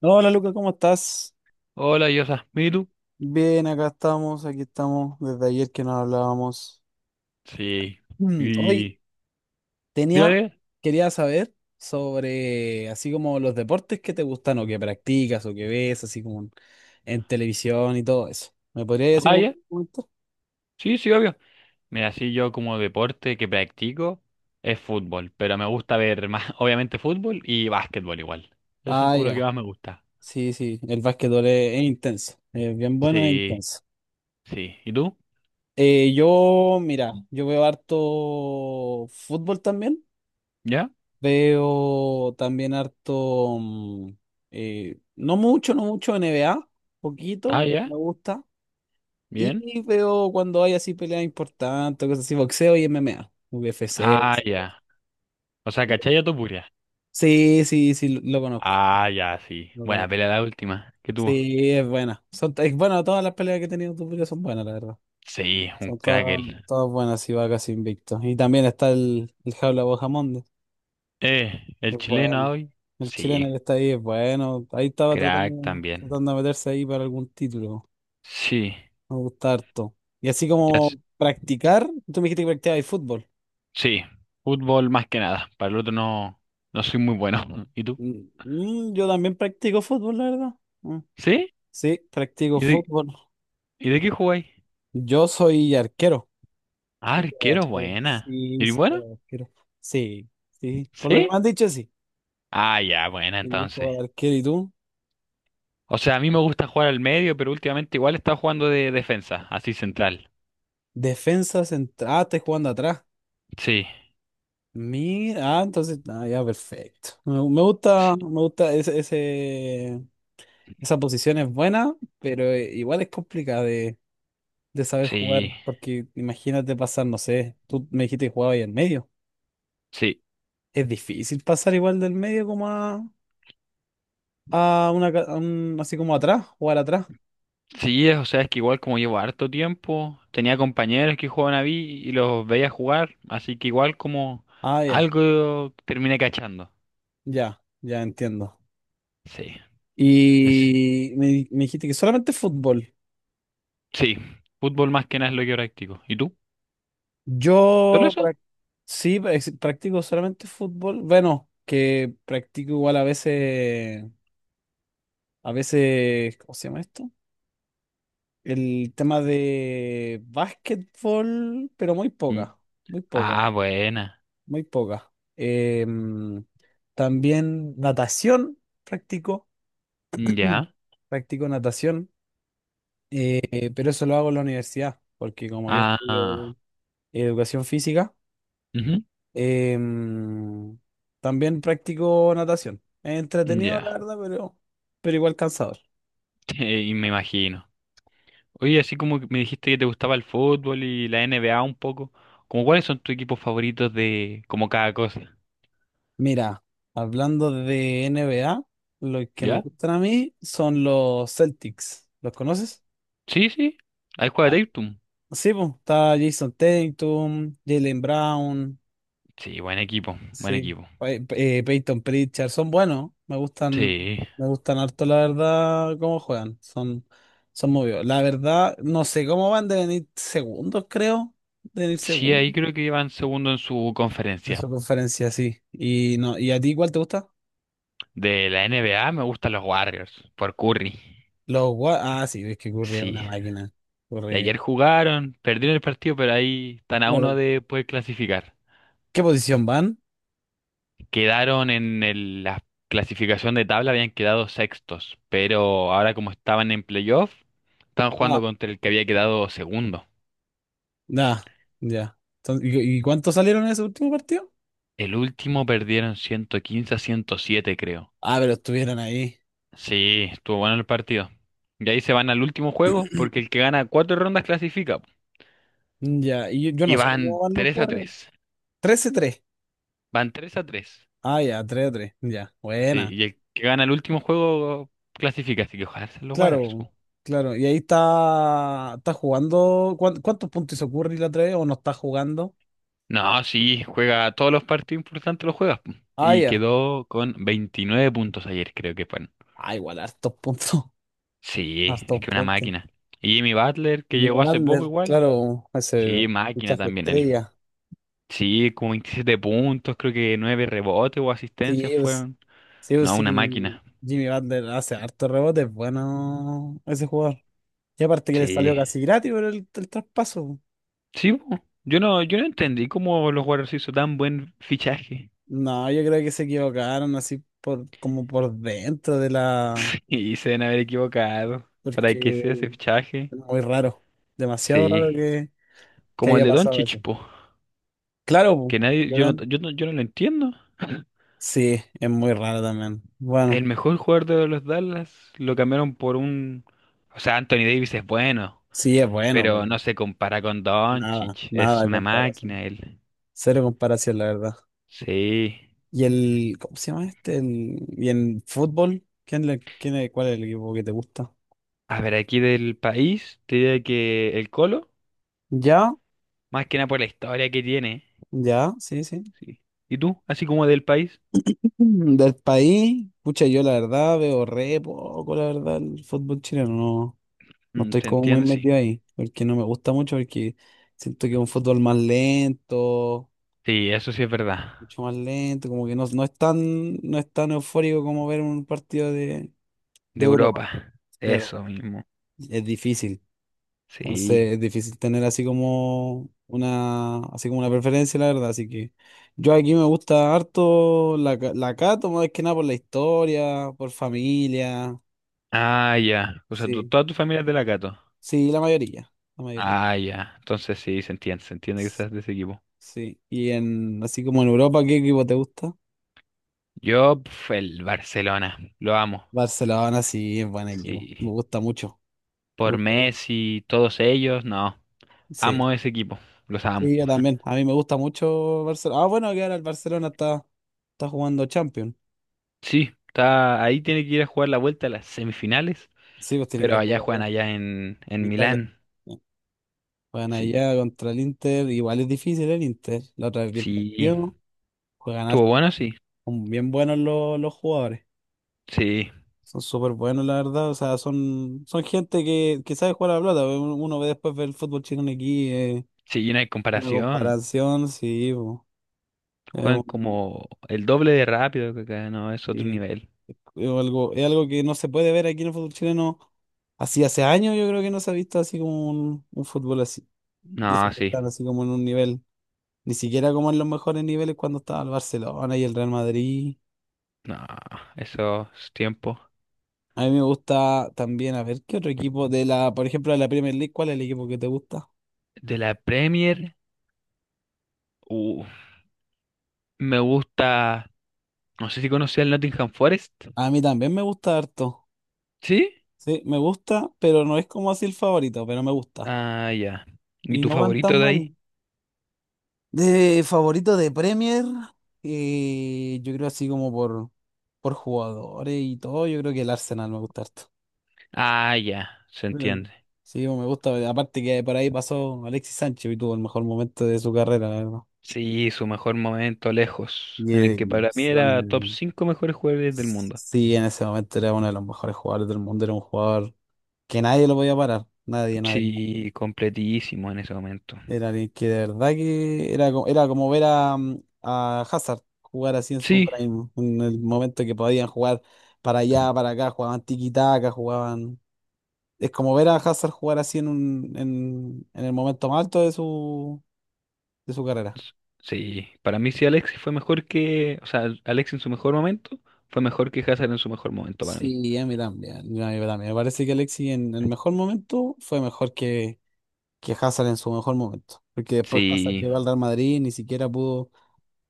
No, hola Luca, ¿cómo estás? Hola, Yosa. ¿Y tú? Bien, acá estamos, aquí estamos desde ayer que nos hablábamos. Sí. Hoy ¿Y tenía, dale? quería saber sobre así como los deportes que te gustan o que practicas o que ves, así como en televisión y todo eso. ¿Me podrías decir Ah, como ya. comentar? Sí, sí, obvio. Mira, sí, yo como deporte que practico es fútbol, pero me gusta ver más, obviamente, fútbol y básquetbol igual. Esos son Ah, como los que ya. más me gusta. Sí, sí, el básquetbol es intenso, es bien bueno, es Sí, intenso. sí. ¿Y tú? Mira, yo veo harto fútbol también. ¿Ya? Veo también harto, no mucho N B A Ah, poquito, ya. me gusta. Bien. Y veo cuando hay así peleas importantes, cosas así, boxeo y M M A MMA, UFC. Ah, Esas cosas. ya. O sea, ¿cachai tu puria? Sí, sí, sí, lo conozco, Ah, ya, sí. lo Buena conozco. pelea la última. ¿Qué tuvo? Sí, es buena. Es bueno, todas las peleas que he tenido tú son buenas, la verdad. Sí, un Son crack él. todas buenas y va casi invicto. Y también está el Jaula Bojamonde. El Es chileno bueno. hoy. El chileno Sí, que está ahí es bueno. Ahí estaba crack también. tratando de meterse ahí para algún título. Sí. Me gusta harto. Y así Ya. como practicar, tú me dijiste que practicabas fútbol. Sí, fútbol más que nada. Para el otro no, no soy muy bueno. ¿Y tú? Yo también practico fútbol, la verdad. Mm, ¿Sí? Sí, practico ¿Y de, fútbol. y de qué jugáis? Yo soy arquero. Ah, Yo soy arquero, arquero. buena. Sí, ¿Y sí, bueno? juego de arquero. Sí, sí. Por lo que ¿Sí? me han dicho, sí. Ah, ya, buena Sí, entonces. juego de arquero. ¿Y tú? O sea, a mí me gusta jugar al medio, pero últimamente igual estaba jugando de defensa, así central. Defensa central. Ah, estás jugando atrás. Sí, Mira, ah, entonces, ah, ya, perfecto. Me gusta, sí, me gusta esa posición es buena, pero igual es complicada de saber sí, jugar, porque imagínate pasar, no sé, tú me dijiste que jugabas ahí en medio. sí. Es difícil pasar igual del medio como a una, ca- a un- así como atrás, jugar atrás. Sí, es- o sea, es que igual como llevo harto tiempo, tenía compañeros que jugaban a mí y los veía jugar, así que igual como Ah, ya, algo terminé cachando. ya, ya entiendo. Sí. Y me dijiste que solamente fútbol. Sí, fútbol más que nada es lo que practico. ¿Y tú? ¿Solo Yo eso? prac- sí, practico solamente fútbol. Bueno, que practico igual a veces, ¿cómo se llama esto? El tema de básquetbol, pero muy Mm. poca, muy poca, Ah, buena. muy poca. Em, También natación practico. Mm. Ya. Practico natación. Pero eso lo hago en la universidad, porque como yo estudio Ah, educación física. ujú. Em, También practico natación. Es entretenido, la Ya. verdad, pero igual cansador. Y me imagino. Oye, así como que me dijiste que te gustaba el fútbol y la NBA un poco, ¿como cuáles son tus equipos favoritos de como cada cosa? Mira, hablando de NBA, lo que me ¿Ya? gustan a mí son los Celtics. ¿Los conoces? Sí, sí. Ahí juega Ah. Tatum. Sí, pues, está Jason Tatum, Jalen Brown. Sí, buen equipo, buen Sí, equipo. Peyton Pritchard, son buenos, Sí. me gustan harto la verdad cómo juegan, son movidos. La verdad, no sé cómo van, de venir segundos, creo, de venir Sí, segundos ahí creo que van segundo en su de conferencia. su conferencia, sí. Y no, ¿y a ti cuál te gusta? De la NBA me gustan los Warriors, por Curry. Sí, es que Curry es Sí. una máquina. Y Curry. ayer jugaron, perdieron el partido, pero ahí están a uno Claro. de poder clasificar. ¿Qué posición van? Quedaron en el- la clasificación de tabla, habían quedado sextos, pero ahora como estaban en playoff, estaban jugando Ah, contra el que había quedado segundo. nah, ya. Entonces, ¿y cuántos salieron en ese último partido? El último perdieron 115-107, creo. Ah, pero estuvieron ahí. Sí, estuvo bueno el partido. Y ahí se van al último juego, porque el que gana cuatro rondas clasifica. Ya, y yo no Y sé cómo van van los tres a Warriors. tres 13-3. Van tres a tres. Ah, ya, 3 a 3, ya, Sí, buena. y el que gana el último juego clasifica, así que ojalá se los Warriors. Claro, claro. Y ahí está jugando. ¿Cuántos puntos hizo Curry la 3 o no está jugando? No, sí, juega todos los partidos importantes los juegas. Ah, Y ya. quedó con 29 puntos ayer, creo que fueron. Ah, igual, hartos puntos. Sí, es Hartos que una puntos. máquina. Y Jimmy Butler, que Y llegó hace poco Vander, igual. claro, Sí, ese máquina fichaje también él. estrella. Sí, como 27 puntos, creo que 9 rebotes o asistencias Sí, pues, fueron. sí, pues, No, sí. una máquina. Jimmy Vander hace hartos rebotes, bueno, ese jugador. Y aparte que le salió Sí. casi gratis por el traspaso. Sí, po. Yo no entendí cómo los Warriors hizo tan buen fichaje. No, yo creo que se equivocaron así por como por dentro de la. Y se deben haber equivocado. ¿Para qué Porque se ese fichaje? Muy raro. Demasiado raro Sí. Que Como el haya de pasado Doncic, eso. po. Claro, Que po. nadie, yo no, León. yo no, yo no lo entiendo. Sí, es muy raro también. El Bueno, mejor jugador de los Dallas lo cambiaron por un... O sea, Anthony Davis es bueno, sí es bueno, pero pero no se compara con nada, Doncic. Es nada de una comparación. máquina él. Cero comparación, la verdad. Sí. ¿Cómo se llama este? Y en fútbol, ¿quién le, quién es, cuál es el equipo que te gusta? A ver, aquí del país, te diría que el Colo, Ya, más que nada por la historia que tiene. ya, sí, sí. Sí. ¿Y tú? Así como del país. Del país, pucha, yo la verdad veo re poco, la verdad, el fútbol chileno, no. No Mm, estoy te como muy entiendo, sí. metido ahí, porque no me gusta mucho, porque siento que es un fútbol más lento, Sí, eso sí es verdad. mucho más lento, como que no es tan, no es tan eufórico como ver un partido De de Europa. Europa. Claro, Eso mismo. es difícil. Sí. Entonces es difícil tener así como una preferencia, la verdad. Así que yo aquí me gusta harto la Cato, más que nada por la historia, por familia. Ah, ya. O sea, tu- Sí, toda tu familia es de la Cato. sí, la mayoría, la mayoría. Ah, ya. Entonces sí, se entiende que seas de ese equipo. Sí. Así como en Europa, ¿qué equipo te gusta? Yo, pf, el Barcelona, lo amo. Barcelona, sí, es buen equipo. Me Sí. gusta mucho. Me Por gusta mucho. Messi, todos ellos, no. Sí. Amo ese equipo, los amo. Sí, yo también. A mí me gusta mucho Barcelona. Ah, bueno, que ahora el Barcelona está jugando Champions. Sí, está, ahí tiene que ir a jugar la vuelta a las semifinales, Sí, pues tiene que ir pero a allá jugar juegan allá, allá en, en en Italia. Milán. Sí. Juegan Sí, allá contra el Inter. Igual es difícil el Inter. La otra vez vi el sí. partido. Juegan ¿Estuvo harto. bueno? Sí, Son bien buenos los jugadores. sí. Son súper buenos, la verdad. O sea, son gente que sabe jugar a la pelota. Uno ve después ver el fútbol chileno aquí. Sí, no hay Una comparación. comparación, sí, bo. Es Juegan un- como el doble de rápido que acá, no, es otro sí. nivel. Es algo que no se puede ver aquí en el fútbol chileno. Así hace años yo creo que no se ha visto así como un fútbol así. Y eso No, que sí. están así como en un nivel, ni siquiera como en los mejores niveles cuando estaba el Barcelona y el Real Madrid. No, esos tiempos. A mí me gusta también, a ver, ¿qué otro equipo por ejemplo, de la Premier League, cuál es el equipo que te gusta? De la Premier, uh, me gusta, no sé si conocía el Nottingham Forest. A mí también me gusta harto. ¿Sí? Sí, me gusta, pero no es como así el favorito, pero me gusta. Ah, ya. ¿Y Y tu no van tan favorito de mal. ahí? De favorito de Premier, yo creo así como por jugadores y todo, yo creo que el Arsenal me gusta harto. Ah, ya, se Mm. entiende. Sí, me gusta, aparte que por ahí pasó Alexis Sánchez y tuvo el mejor momento de su carrera, la verdad. Sí, su mejor momento lejos, Y en el que el para mí era top Arsenal, 5 mejores jugadores del mundo. sí, en ese momento era uno de los mejores jugadores del mundo, era un jugador que nadie lo podía parar, nadie, nadie. Sí, completísimo en ese momento. Era alguien que de verdad era como ver a Hazard jugar así en su Sí, prime, en el momento que podían jugar para allá, para acá, jugaban tiki-taka, jugaban. Es como ver a Hazard jugar así en el momento más alto de su carrera. s- sí, para mí sí Alexis fue mejor que, o sea, Alexis en su mejor momento fue mejor que Hazard en su mejor momento para mí. Sí, a mí también, a mí también. Me parece que Alexis en el mejor momento fue mejor que Hazard en su mejor momento, porque después Hazard Sí, llegó al Real Madrid, ni siquiera pudo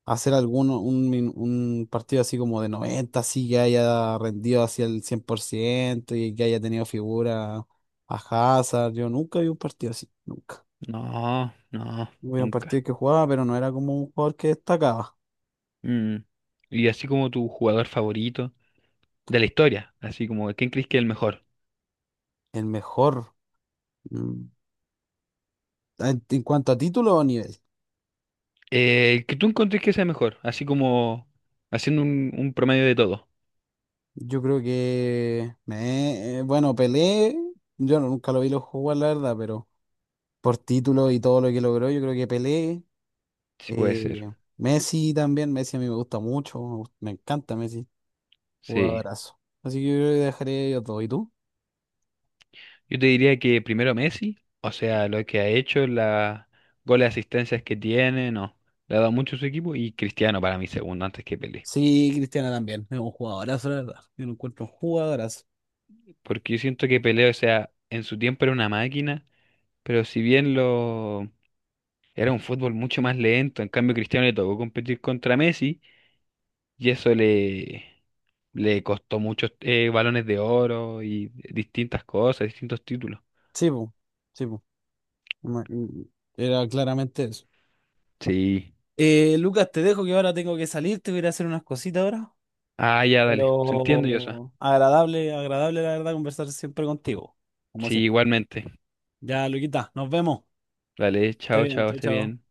hacer alguno, un partido así como de 90 así que haya rendido hacia el 100% y que haya tenido figura a Hazard. Yo nunca vi un partido así, nunca. no, no, Vi un partido nunca. que jugaba, pero no era como un jugador que destacaba. Mm. Y así como tu jugador favorito de la historia, así como ¿quién crees que es el mejor? El mejor, mm, en cuanto a título o nivel, El que tú encuentres que sea mejor, así como haciendo un promedio de todo, yo creo bueno, Pelé, yo no- nunca lo vi lo jugar, la verdad, pero por título y todo lo que logró, yo creo que Pelé. si puede Eh, ser. Messi también, Messi a mí me gusta mucho, me encanta Messi, Sí. jugadorazo. Así que yo creo que dejaré ellos dos. ¿Y tú? Yo te diría que primero Messi, o sea, lo que ha hecho, la goles, asistencias que tiene, no, le ha dado mucho a su equipo y Cristiano para mí segundo antes que Pelé. Sí, Cristiano también, es un jugadorazo, la verdad. Yo lo encuentro un jugadorazo. Porque yo siento que Pelé, o sea, en su tiempo era una máquina, pero si bien lo era un fútbol mucho más lento, en cambio Cristiano le tocó competir contra Messi. Y eso le costó muchos balones de oro y distintas cosas, distintos títulos. Sí, po, sí, po. Ma- y- Era claramente eso. Sí. Lucas, te dejo que ahora tengo que salir, te voy a ir a hacer unas cositas ahora. Ah, ya, dale. Se entiende, Joshua. Pero agradable, agradable la verdad conversar siempre contigo, como Sí, siempre. igualmente. Ya, Luquita, nos vemos. Vale, Esté chao, bien, chao, chao, esté bien. chao.